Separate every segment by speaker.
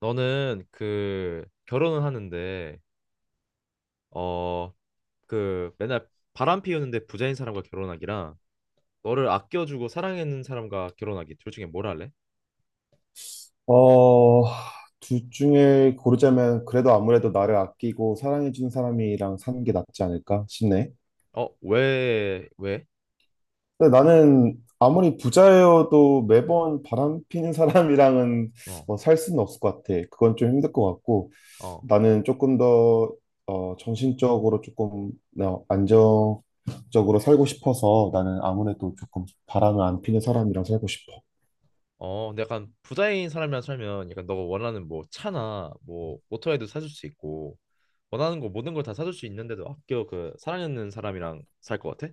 Speaker 1: 너는 그 결혼을 하는데 어 그 맨날 바람 피우는데 부자인 사람과 결혼하기랑 너를 아껴주고 사랑하는 사람과 결혼하기 둘 중에 뭘 할래?
Speaker 2: 어, 둘 중에 고르자면 그래도 아무래도 나를 아끼고 사랑해주는 사람이랑 사는 게 낫지 않을까 싶네.
Speaker 1: 어, 왜?
Speaker 2: 근데 나는 아무리 부자여도 매번 바람 피는 사람이랑은
Speaker 1: 어,
Speaker 2: 살 수는 없을 것 같아. 그건 좀 힘들 것 같고
Speaker 1: 어,
Speaker 2: 나는 조금 더 정신적으로 조금 안정적으로 살고 싶어서 나는
Speaker 1: 어,
Speaker 2: 아무래도 조금 바람을 안 피는 사람이랑 살고 싶어.
Speaker 1: 어, 근데 약간 부자인 사람이랑 살면 약간 너가 원하는 뭐 차나 뭐 모터에도 사줄 수 있고 원하는 거 모든 걸 다 사줄 수 있는데도 아껴 그 사랑하는 사람이랑 살 것 같아?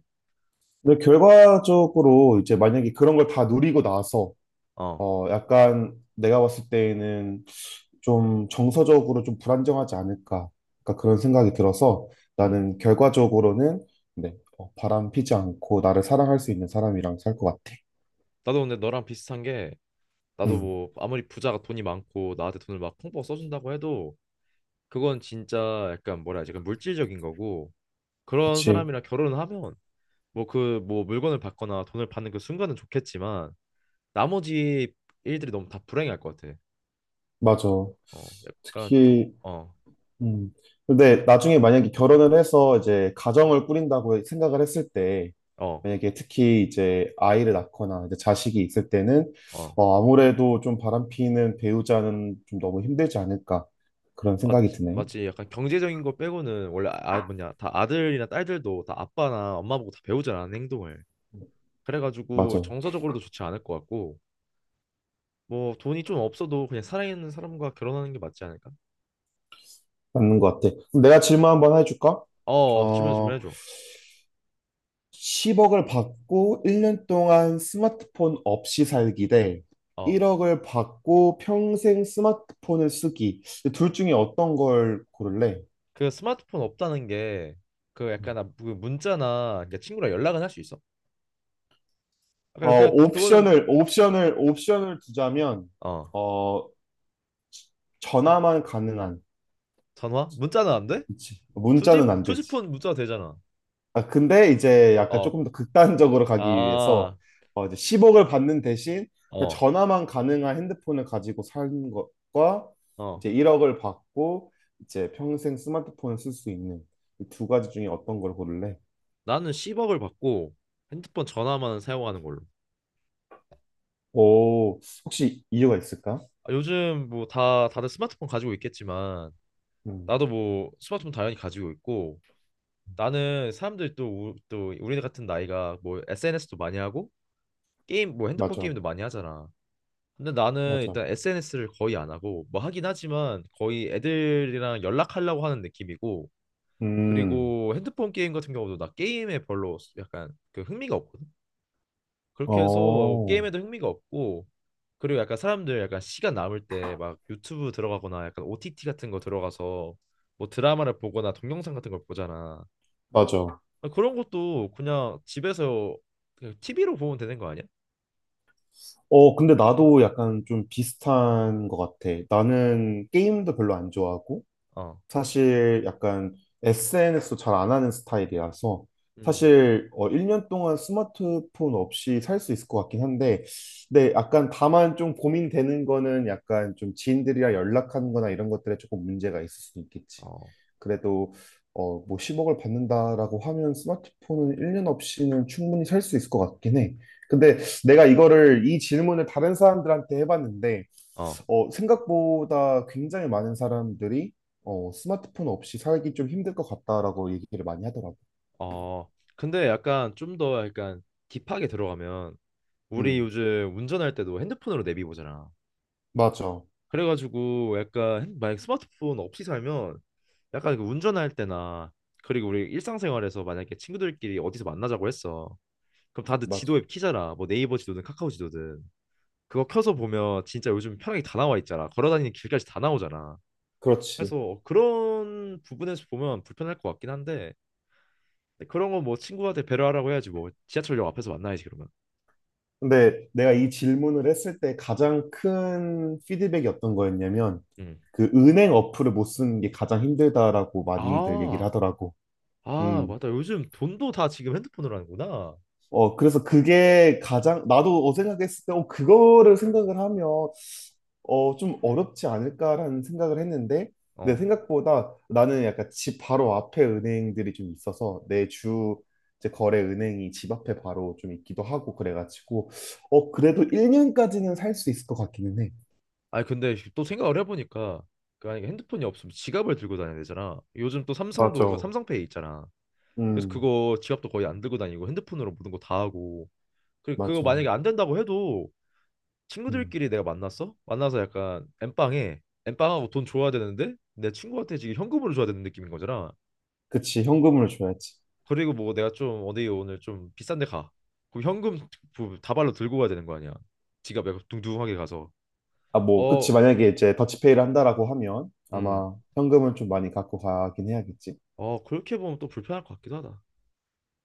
Speaker 2: 근데 결과적으로 이제 만약에 그런 걸 다 누리고 나서
Speaker 1: 어,
Speaker 2: 약간 내가 봤을 때에는 좀 정서적으로 좀 불안정하지 않을까. 그러니까 그런 생각이 들어서
Speaker 1: 음.
Speaker 2: 나는 결과적으로는 네, 바람 피지 않고 나를 사랑할 수 있는 사람이랑 살 것 같아.
Speaker 1: 나도 근데 너랑 비슷한 게 나도
Speaker 2: 음,
Speaker 1: 뭐 아무리 부자가 돈이 많고 나한테 돈을 막 펑펑 써준다고 해도 그건 진짜 약간 뭐라 해야지 약간 물질적인 거고 그런
Speaker 2: 그치.
Speaker 1: 사람이랑 결혼을 하면 뭐 그 뭐 물건을 받거나 돈을 받는 그 순간은 좋겠지만 나머지 일들이 너무 다 불행할 것 같아.
Speaker 2: 맞아.
Speaker 1: 어 약간 겨,
Speaker 2: 특히
Speaker 1: 어,
Speaker 2: 음. 근데 나중에 만약에 결혼을 해서 이제 가정을 꾸린다고 생각을 했을 때,
Speaker 1: 어,
Speaker 2: 만약에 특히 이제 아이를 낳거나 이제 자식이 있을 때는
Speaker 1: 어.
Speaker 2: 아무래도 좀 바람피는 배우자는 좀 너무 힘들지 않을까 그런 생각이
Speaker 1: 맞지,
Speaker 2: 드네.
Speaker 1: 맞지. 약간 경제적인 거 빼고는 원래 뭐냐 다 아들이나 딸들도 다 아빠나 엄마 보고 다 배우잖아 하는 행동을. 그래가지고
Speaker 2: 맞아.
Speaker 1: 정서적으로도 좋지 않을 것 같고 뭐 돈이 좀 없어도 그냥 사랑하는 사람과 결혼하는 게 맞지 않을까?
Speaker 2: 맞는 것 같아. 그럼 내가 질문 한번 해줄까?
Speaker 1: 어, 주면
Speaker 2: 어,
Speaker 1: 해줘.
Speaker 2: 10억을 받고 1년 동안 스마트폰 없이 살기 대
Speaker 1: 어,
Speaker 2: 1억을 받고 평생 스마트폰을 쓰기. 둘 중에 어떤 걸 고를래?
Speaker 1: 그 스마트폰 없다는 게 그 약간 그 문자나 그러니까 친구랑 연락은 할 수 있어. 아까
Speaker 2: 어,
Speaker 1: 그거는
Speaker 2: 옵션을 두자면,
Speaker 1: 어
Speaker 2: 어, 전화만 가능한.
Speaker 1: 전화? 문자는 안 돼?
Speaker 2: 그치.
Speaker 1: 투지
Speaker 2: 문자는 안 되지.
Speaker 1: 투지폰 문자 되잖아.
Speaker 2: 아, 근데 이제 약간
Speaker 1: 어,
Speaker 2: 조금 더 극단적으로 가기 위해서,
Speaker 1: 아,
Speaker 2: 이제 10억을 받는 대신, 그냥
Speaker 1: 어,
Speaker 2: 전화만 가능한 핸드폰을 가지고 사는 것과,
Speaker 1: 어.
Speaker 2: 이제 1억을 받고, 이제 평생 스마트폰을 쓸 수 있는 이 두 가지 중에 어떤 걸 고를래?
Speaker 1: 나는 10억을 받고 핸드폰 전화만 사용하는 걸로.
Speaker 2: 오, 혹시 이유가 있을까?
Speaker 1: 아, 요즘 뭐 다 다들 스마트폰 가지고 있겠지만
Speaker 2: 음,
Speaker 1: 나도 뭐 스마트폰 당연히 가지고 있고. 나는 사람들이 또 우리 같은 나이가 뭐 SNS도 많이 하고 게임 뭐 핸드폰
Speaker 2: 맞아,
Speaker 1: 게임도 많이 하잖아. 근데 나는
Speaker 2: 맞아.
Speaker 1: 일단 SNS를 거의 안 하고 뭐 하긴 하지만 거의 애들이랑 연락하려고 하는 느낌이고
Speaker 2: 음,
Speaker 1: 그리고 핸드폰 게임 같은 경우도 나 게임에 별로 약간 그 흥미가 없거든. 그렇게 해서
Speaker 2: 어,
Speaker 1: 게임에도 흥미가 없고 그리고 약간 사람들 약간 시간 남을 때 막 유튜브 들어가거나 약간 OTT 같은 거 들어가서 뭐 드라마를 보거나 동영상 같은 걸 보잖아.
Speaker 2: 맞아.
Speaker 1: 아, 그런 것도 그냥 집에서 그냥 TV로 보면 되는 거 아니야?
Speaker 2: 근데 나도 약간 좀 비슷한 것 같아. 나는 게임도 별로 안 좋아하고,
Speaker 1: 어,
Speaker 2: 사실 약간 SNS도 잘 안 하는 스타일이라서
Speaker 1: 음.
Speaker 2: 사실 1년 동안 스마트폰 없이 살 수 있을 것 같긴 한데 네, 약간 다만 좀 고민되는 거는 약간 좀 지인들이랑 연락하는 거나 이런 것들에 조금 문제가 있을 수 있겠지.
Speaker 1: 어,
Speaker 2: 그래도 뭐 10억을 받는다라고 하면 스마트폰은 1년 없이는 충분히 살 수 있을 것 같긴 해. 근데 내가 이거를 이 질문을 다른 사람들한테 해봤는데
Speaker 1: 어,
Speaker 2: 생각보다 굉장히 많은 사람들이 스마트폰 없이 살기 좀 힘들 것 같다라고 얘기를 많이 하더라고.
Speaker 1: 어. 근데 약간 좀 더 약간 딥하게 들어가면 우리
Speaker 2: 음,
Speaker 1: 요즘 운전할 때도 핸드폰으로 내비 보잖아.
Speaker 2: 맞아,
Speaker 1: 그래가지고 약간 만약 스마트폰 없이 살면 약간 그 운전할 때나 그리고 우리 일상생활에서 만약에 친구들끼리 어디서 만나자고 했어. 그럼 다들
Speaker 2: 맞아.
Speaker 1: 지도 앱 키잖아. 뭐 네이버 지도든 카카오 지도든. 그거 켜서 보면 진짜 요즘 편하게 다 나와 있잖아. 걸어다니는 길까지 다 나오잖아.
Speaker 2: 그렇지.
Speaker 1: 그래서 그런 부분에서 보면 불편할 것 같긴 한데 그런 건 뭐 친구한테 배려하라고 해야지 뭐 지하철역 앞에서 만나야지 그러면.
Speaker 2: 근데 내가 이 질문을 했을 때 가장 큰 피드백이 어떤 거였냐면
Speaker 1: 음.
Speaker 2: 그 은행 어플을 못 쓰는 게 가장 힘들다라고 많이들 얘기를
Speaker 1: 아,
Speaker 2: 하더라고.
Speaker 1: 아,
Speaker 2: 음.
Speaker 1: 맞다. 요즘 돈도 다 지금 핸드폰으로 하는구나.
Speaker 2: 어, 그래서 그게 가장, 나도 생각했을 때, 그거를 생각을 하면 좀 어렵지 않을까라는 생각을 했는데, 근데
Speaker 1: 어.
Speaker 2: 생각보다 나는 약간 집 바로 앞에 은행들이 좀 있어서 내 주 이제 거래 은행이 집 앞에 바로 좀 있기도 하고 그래가지고, 그래도 1년까지는 살 수 있을 것 같기는 해.
Speaker 1: 아니 근데 또 생각을 해보니까 그 만약에 핸드폰이 없으면 지갑을 들고 다녀야 되잖아. 요즘 또 삼성도 그
Speaker 2: 맞아.
Speaker 1: 삼성페이 있잖아. 그래서
Speaker 2: 음,
Speaker 1: 그거 지갑도 거의 안 들고 다니고 핸드폰으로 모든 거 다 하고. 그거
Speaker 2: 맞아.
Speaker 1: 만약에 안 된다고 해도
Speaker 2: 음.
Speaker 1: 친구들끼리 내가 만났어? 만나서 약간 엠빵에 엠빵하고 돈 줘야 되는데 내 친구한테 지금 현금으로 줘야 되는 느낌인 거잖아.
Speaker 2: 그치, 현금을 줘야지.
Speaker 1: 그리고 뭐 내가 좀 어디 오늘 좀 비싼 데 가. 그럼 현금 다발로 들고 가야 되는 거 아니야. 지갑 약간 둥둥하게 가서.
Speaker 2: 아, 뭐,
Speaker 1: 어,
Speaker 2: 그치, 만약에 이제 더치페이를 한다라고 하면
Speaker 1: 음.
Speaker 2: 아마 현금을 좀 많이 갖고 가긴 해야겠지.
Speaker 1: 어, 그렇게 보면 또 불편할 것 같기도 하다.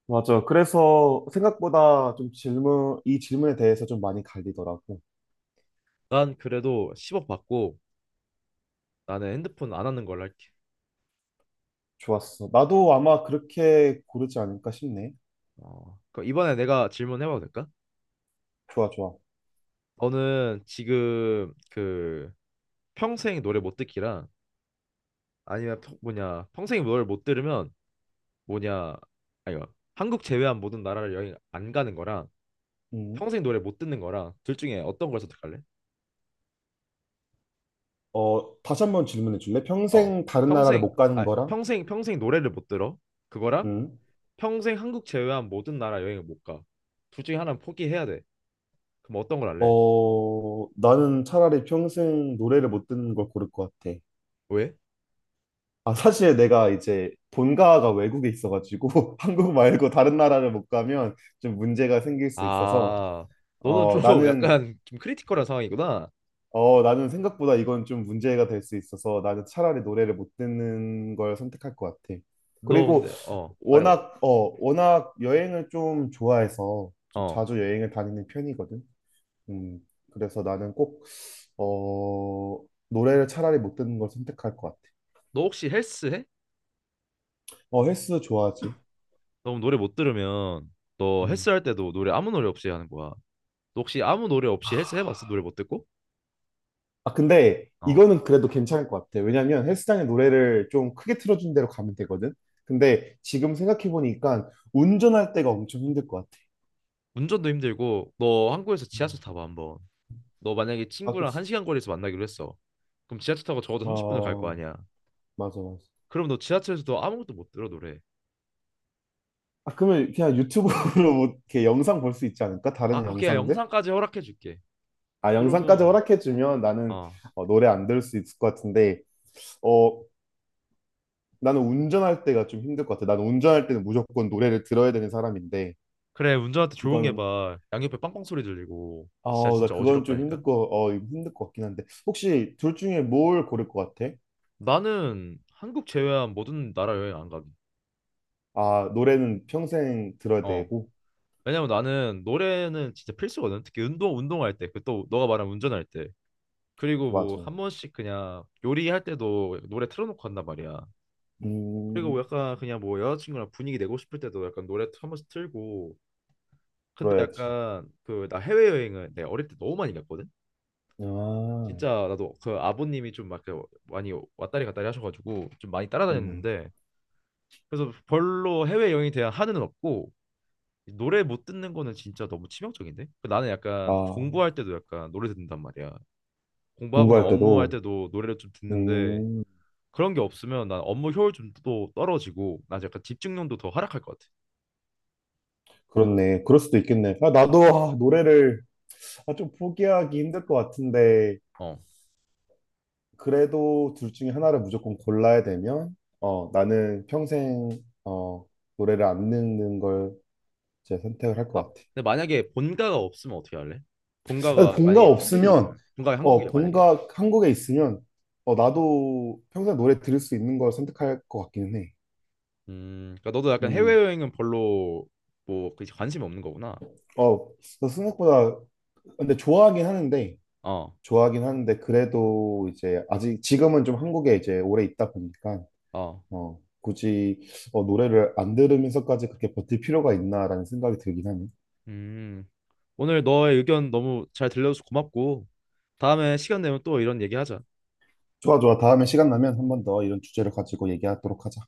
Speaker 2: 맞아. 그래서 생각보다 좀 이 질문에 대해서 좀 많이 갈리더라고.
Speaker 1: 난 그래도 10억 받고 나는 핸드폰 안 하는 걸로 할게.
Speaker 2: 좋았어. 나도 아마 그렇게 고르지 않을까 싶네.
Speaker 1: 어, 그럼 이번에 내가 질문해봐도 될까?
Speaker 2: 좋아, 좋아.
Speaker 1: 너는 지금 그 평생 노래 못 듣기랑 아니면 뭐냐 평생 뭘 못 들으면 뭐냐 아니 한국 제외한 모든 나라를 여행 안 가는 거랑
Speaker 2: 음.
Speaker 1: 평생 노래 못 듣는 거랑 둘 중에 어떤 걸 선택할래?
Speaker 2: 어, 다시 한 번 질문해 줄래?
Speaker 1: 어
Speaker 2: 평생 다른 나라를
Speaker 1: 평생
Speaker 2: 못 가는 거랑?
Speaker 1: 평생 노래를 못 들어 그거랑
Speaker 2: 음.
Speaker 1: 평생 한국 제외한 모든 나라 여행을 못 가 둘 중에 하나는 포기해야 돼 그럼 어떤 걸 할래?
Speaker 2: 어, 나는 차라리 평생 노래를 못 듣는 걸 고를 것 같아.
Speaker 1: 왜?
Speaker 2: 아, 사실 내가 이제 본가가 외국에 있어가지고 한국 말고 다른 나라를 못 가면 좀 문제가 생길 수 있어서
Speaker 1: 아 너는
Speaker 2: 어,
Speaker 1: 좀
Speaker 2: 나는
Speaker 1: 약간 좀 크리티컬한 상황이구나
Speaker 2: 어, 나는 생각보다 이건 좀 문제가 될 수 있어서 나는 차라리 노래를 못 듣는 걸 선택할 것 같아.
Speaker 1: 너
Speaker 2: 그리고
Speaker 1: 근데 말해봐
Speaker 2: 워낙 여행을 좀 좋아해서
Speaker 1: 어
Speaker 2: 좀 자주 여행을 다니는 편이거든. 음 그래서 나는 꼭어 노래를 차라리 못 듣는 걸 선택할 것 같아.
Speaker 1: 너 혹시 헬스 해?
Speaker 2: 어 헬스 좋아하지.
Speaker 1: 너무 노래 못 들으면 너
Speaker 2: 음.
Speaker 1: 헬스할 때도 노래 아무 노래 없이 하는 거야. 너 혹시 아무 노래 없이 헬스 해봤어? 노래 못 듣고?
Speaker 2: 아 근데
Speaker 1: 어.
Speaker 2: 이거는 그래도 괜찮을 것 같아. 왜냐면 헬스장에 노래를 좀 크게 틀어준 대로 가면 되거든. 근데 지금 생각해 보니까 운전할 때가 엄청 힘들 것 같아.
Speaker 1: 운전도 힘들고 너 한국에서 지하철
Speaker 2: 음.
Speaker 1: 타봐 한번. 너 만약에
Speaker 2: 아
Speaker 1: 친구랑
Speaker 2: 그치.
Speaker 1: 한 시간 거리에서 만나기로 했어. 그럼 지하철 타고 적어도 30분을 갈 거
Speaker 2: 어
Speaker 1: 아니야.
Speaker 2: 맞아.
Speaker 1: 그럼 너 지하철에서도 아무것도 못 들어 노래.
Speaker 2: 아, 그러면 그냥 유튜브로 뭐 이렇게 영상 볼 수 있지 않을까? 다른
Speaker 1: 아, 오케이
Speaker 2: 영상들?
Speaker 1: 영상까지 허락해 줄게.
Speaker 2: 아, 영상까지
Speaker 1: 그러면
Speaker 2: 허락해주면 나는
Speaker 1: 어
Speaker 2: 노래 안 들을 수 있을 것 같은데, 어, 나는 운전할 때가 좀 힘들 것 같아. 나는 운전할 때는 무조건 노래를 들어야 되는 사람인데,
Speaker 1: 그래 운전할 때 조용히
Speaker 2: 이건,
Speaker 1: 해봐. 양옆에 빵빵 소리 들리고 진짜
Speaker 2: 어, 나
Speaker 1: 진짜
Speaker 2: 그건 좀
Speaker 1: 어지럽다니까.
Speaker 2: 힘들 거, 어, 힘들 것 같긴 한데, 혹시 둘 중에 뭘 고를 것 같아?
Speaker 1: 나는 한국 제외한 모든 나라 여행 안 가기.
Speaker 2: 아, 노래는 평생 들어야
Speaker 1: 어.
Speaker 2: 되고,
Speaker 1: 왜냐면 나는 노래는 진짜 필수거든. 특히 운동할 때, 그 또 너가 말한 운전할 때, 그리고 뭐
Speaker 2: 맞아.
Speaker 1: 한 번씩 그냥 요리할 때도 노래 틀어놓고 한단 말이야. 그리고 뭐
Speaker 2: 음,
Speaker 1: 약간 그냥 뭐 여자친구랑 분위기 내고 싶을 때도 약간 노래 한 번씩 틀고. 근데
Speaker 2: 들어야지.
Speaker 1: 약간 그 나 해외여행을 내가 어릴 때 너무 많이 갔거든.
Speaker 2: 아,
Speaker 1: 진짜 나도 그 아버님이 좀 막 많이 왔다리 갔다리 하셔가지고 좀 많이
Speaker 2: 음,
Speaker 1: 따라다녔는데 그래서 별로 해외여행에 대한 한은 없고 노래 못 듣는 거는 진짜 너무 치명적인데? 그 나는 약간
Speaker 2: 아,
Speaker 1: 공부할 때도 약간 노래 듣는단 말이야. 공부하거나
Speaker 2: 공부할
Speaker 1: 업무할
Speaker 2: 때도,
Speaker 1: 때도 노래를 좀 듣는데
Speaker 2: 음.
Speaker 1: 그런 게 없으면 난 업무 효율도 또 떨어지고 난 약간 집중력도 더 하락할 것 같아.
Speaker 2: 그렇네. 그럴 수도 있겠네. 아, 나도 아, 노래를 아, 좀 포기하기 힘들 것 같은데,
Speaker 1: 어.
Speaker 2: 그래도 둘 중에 하나를 무조건 골라야 되면, 어, 나는 평생, 어, 노래를 안 듣는 걸제제 선택을 할
Speaker 1: 아,
Speaker 2: 것 같아.
Speaker 1: 근데 만약에 본가가 없으면 어떻게 할래?
Speaker 2: 아,
Speaker 1: 본가가
Speaker 2: 본가
Speaker 1: 만약에 한국에
Speaker 2: 없으면,
Speaker 1: 있으면 본가가 한국이야 만약에.
Speaker 2: 본가 한국에 있으면, 어, 나도 평생 노래 들을 수 있는 걸 선택할 것 같기는 해.
Speaker 1: 그러니까 너도 약간
Speaker 2: 음,
Speaker 1: 해외여행은 별로 뭐그 관심이 없는 거구나.
Speaker 2: 어, 저 생각보다, 근데 좋아하긴 하는데,
Speaker 1: 어,
Speaker 2: 좋아하긴 하는데 그래도 이제 아직 지금은 좀 한국에 이제 오래 있다 보니까
Speaker 1: 어.
Speaker 2: 굳이 노래를 안 들으면서까지 그렇게 버틸 필요가 있나라는 생각이 들긴 하네.
Speaker 1: 음. 오늘 너의 의견 너무 잘 들려줘서 고맙고 다음에 시간 되면 또 이런 얘기하자.
Speaker 2: 좋아, 좋아. 다음에 시간 나면 한 번 더 이런 주제를 가지고 얘기하도록 하자.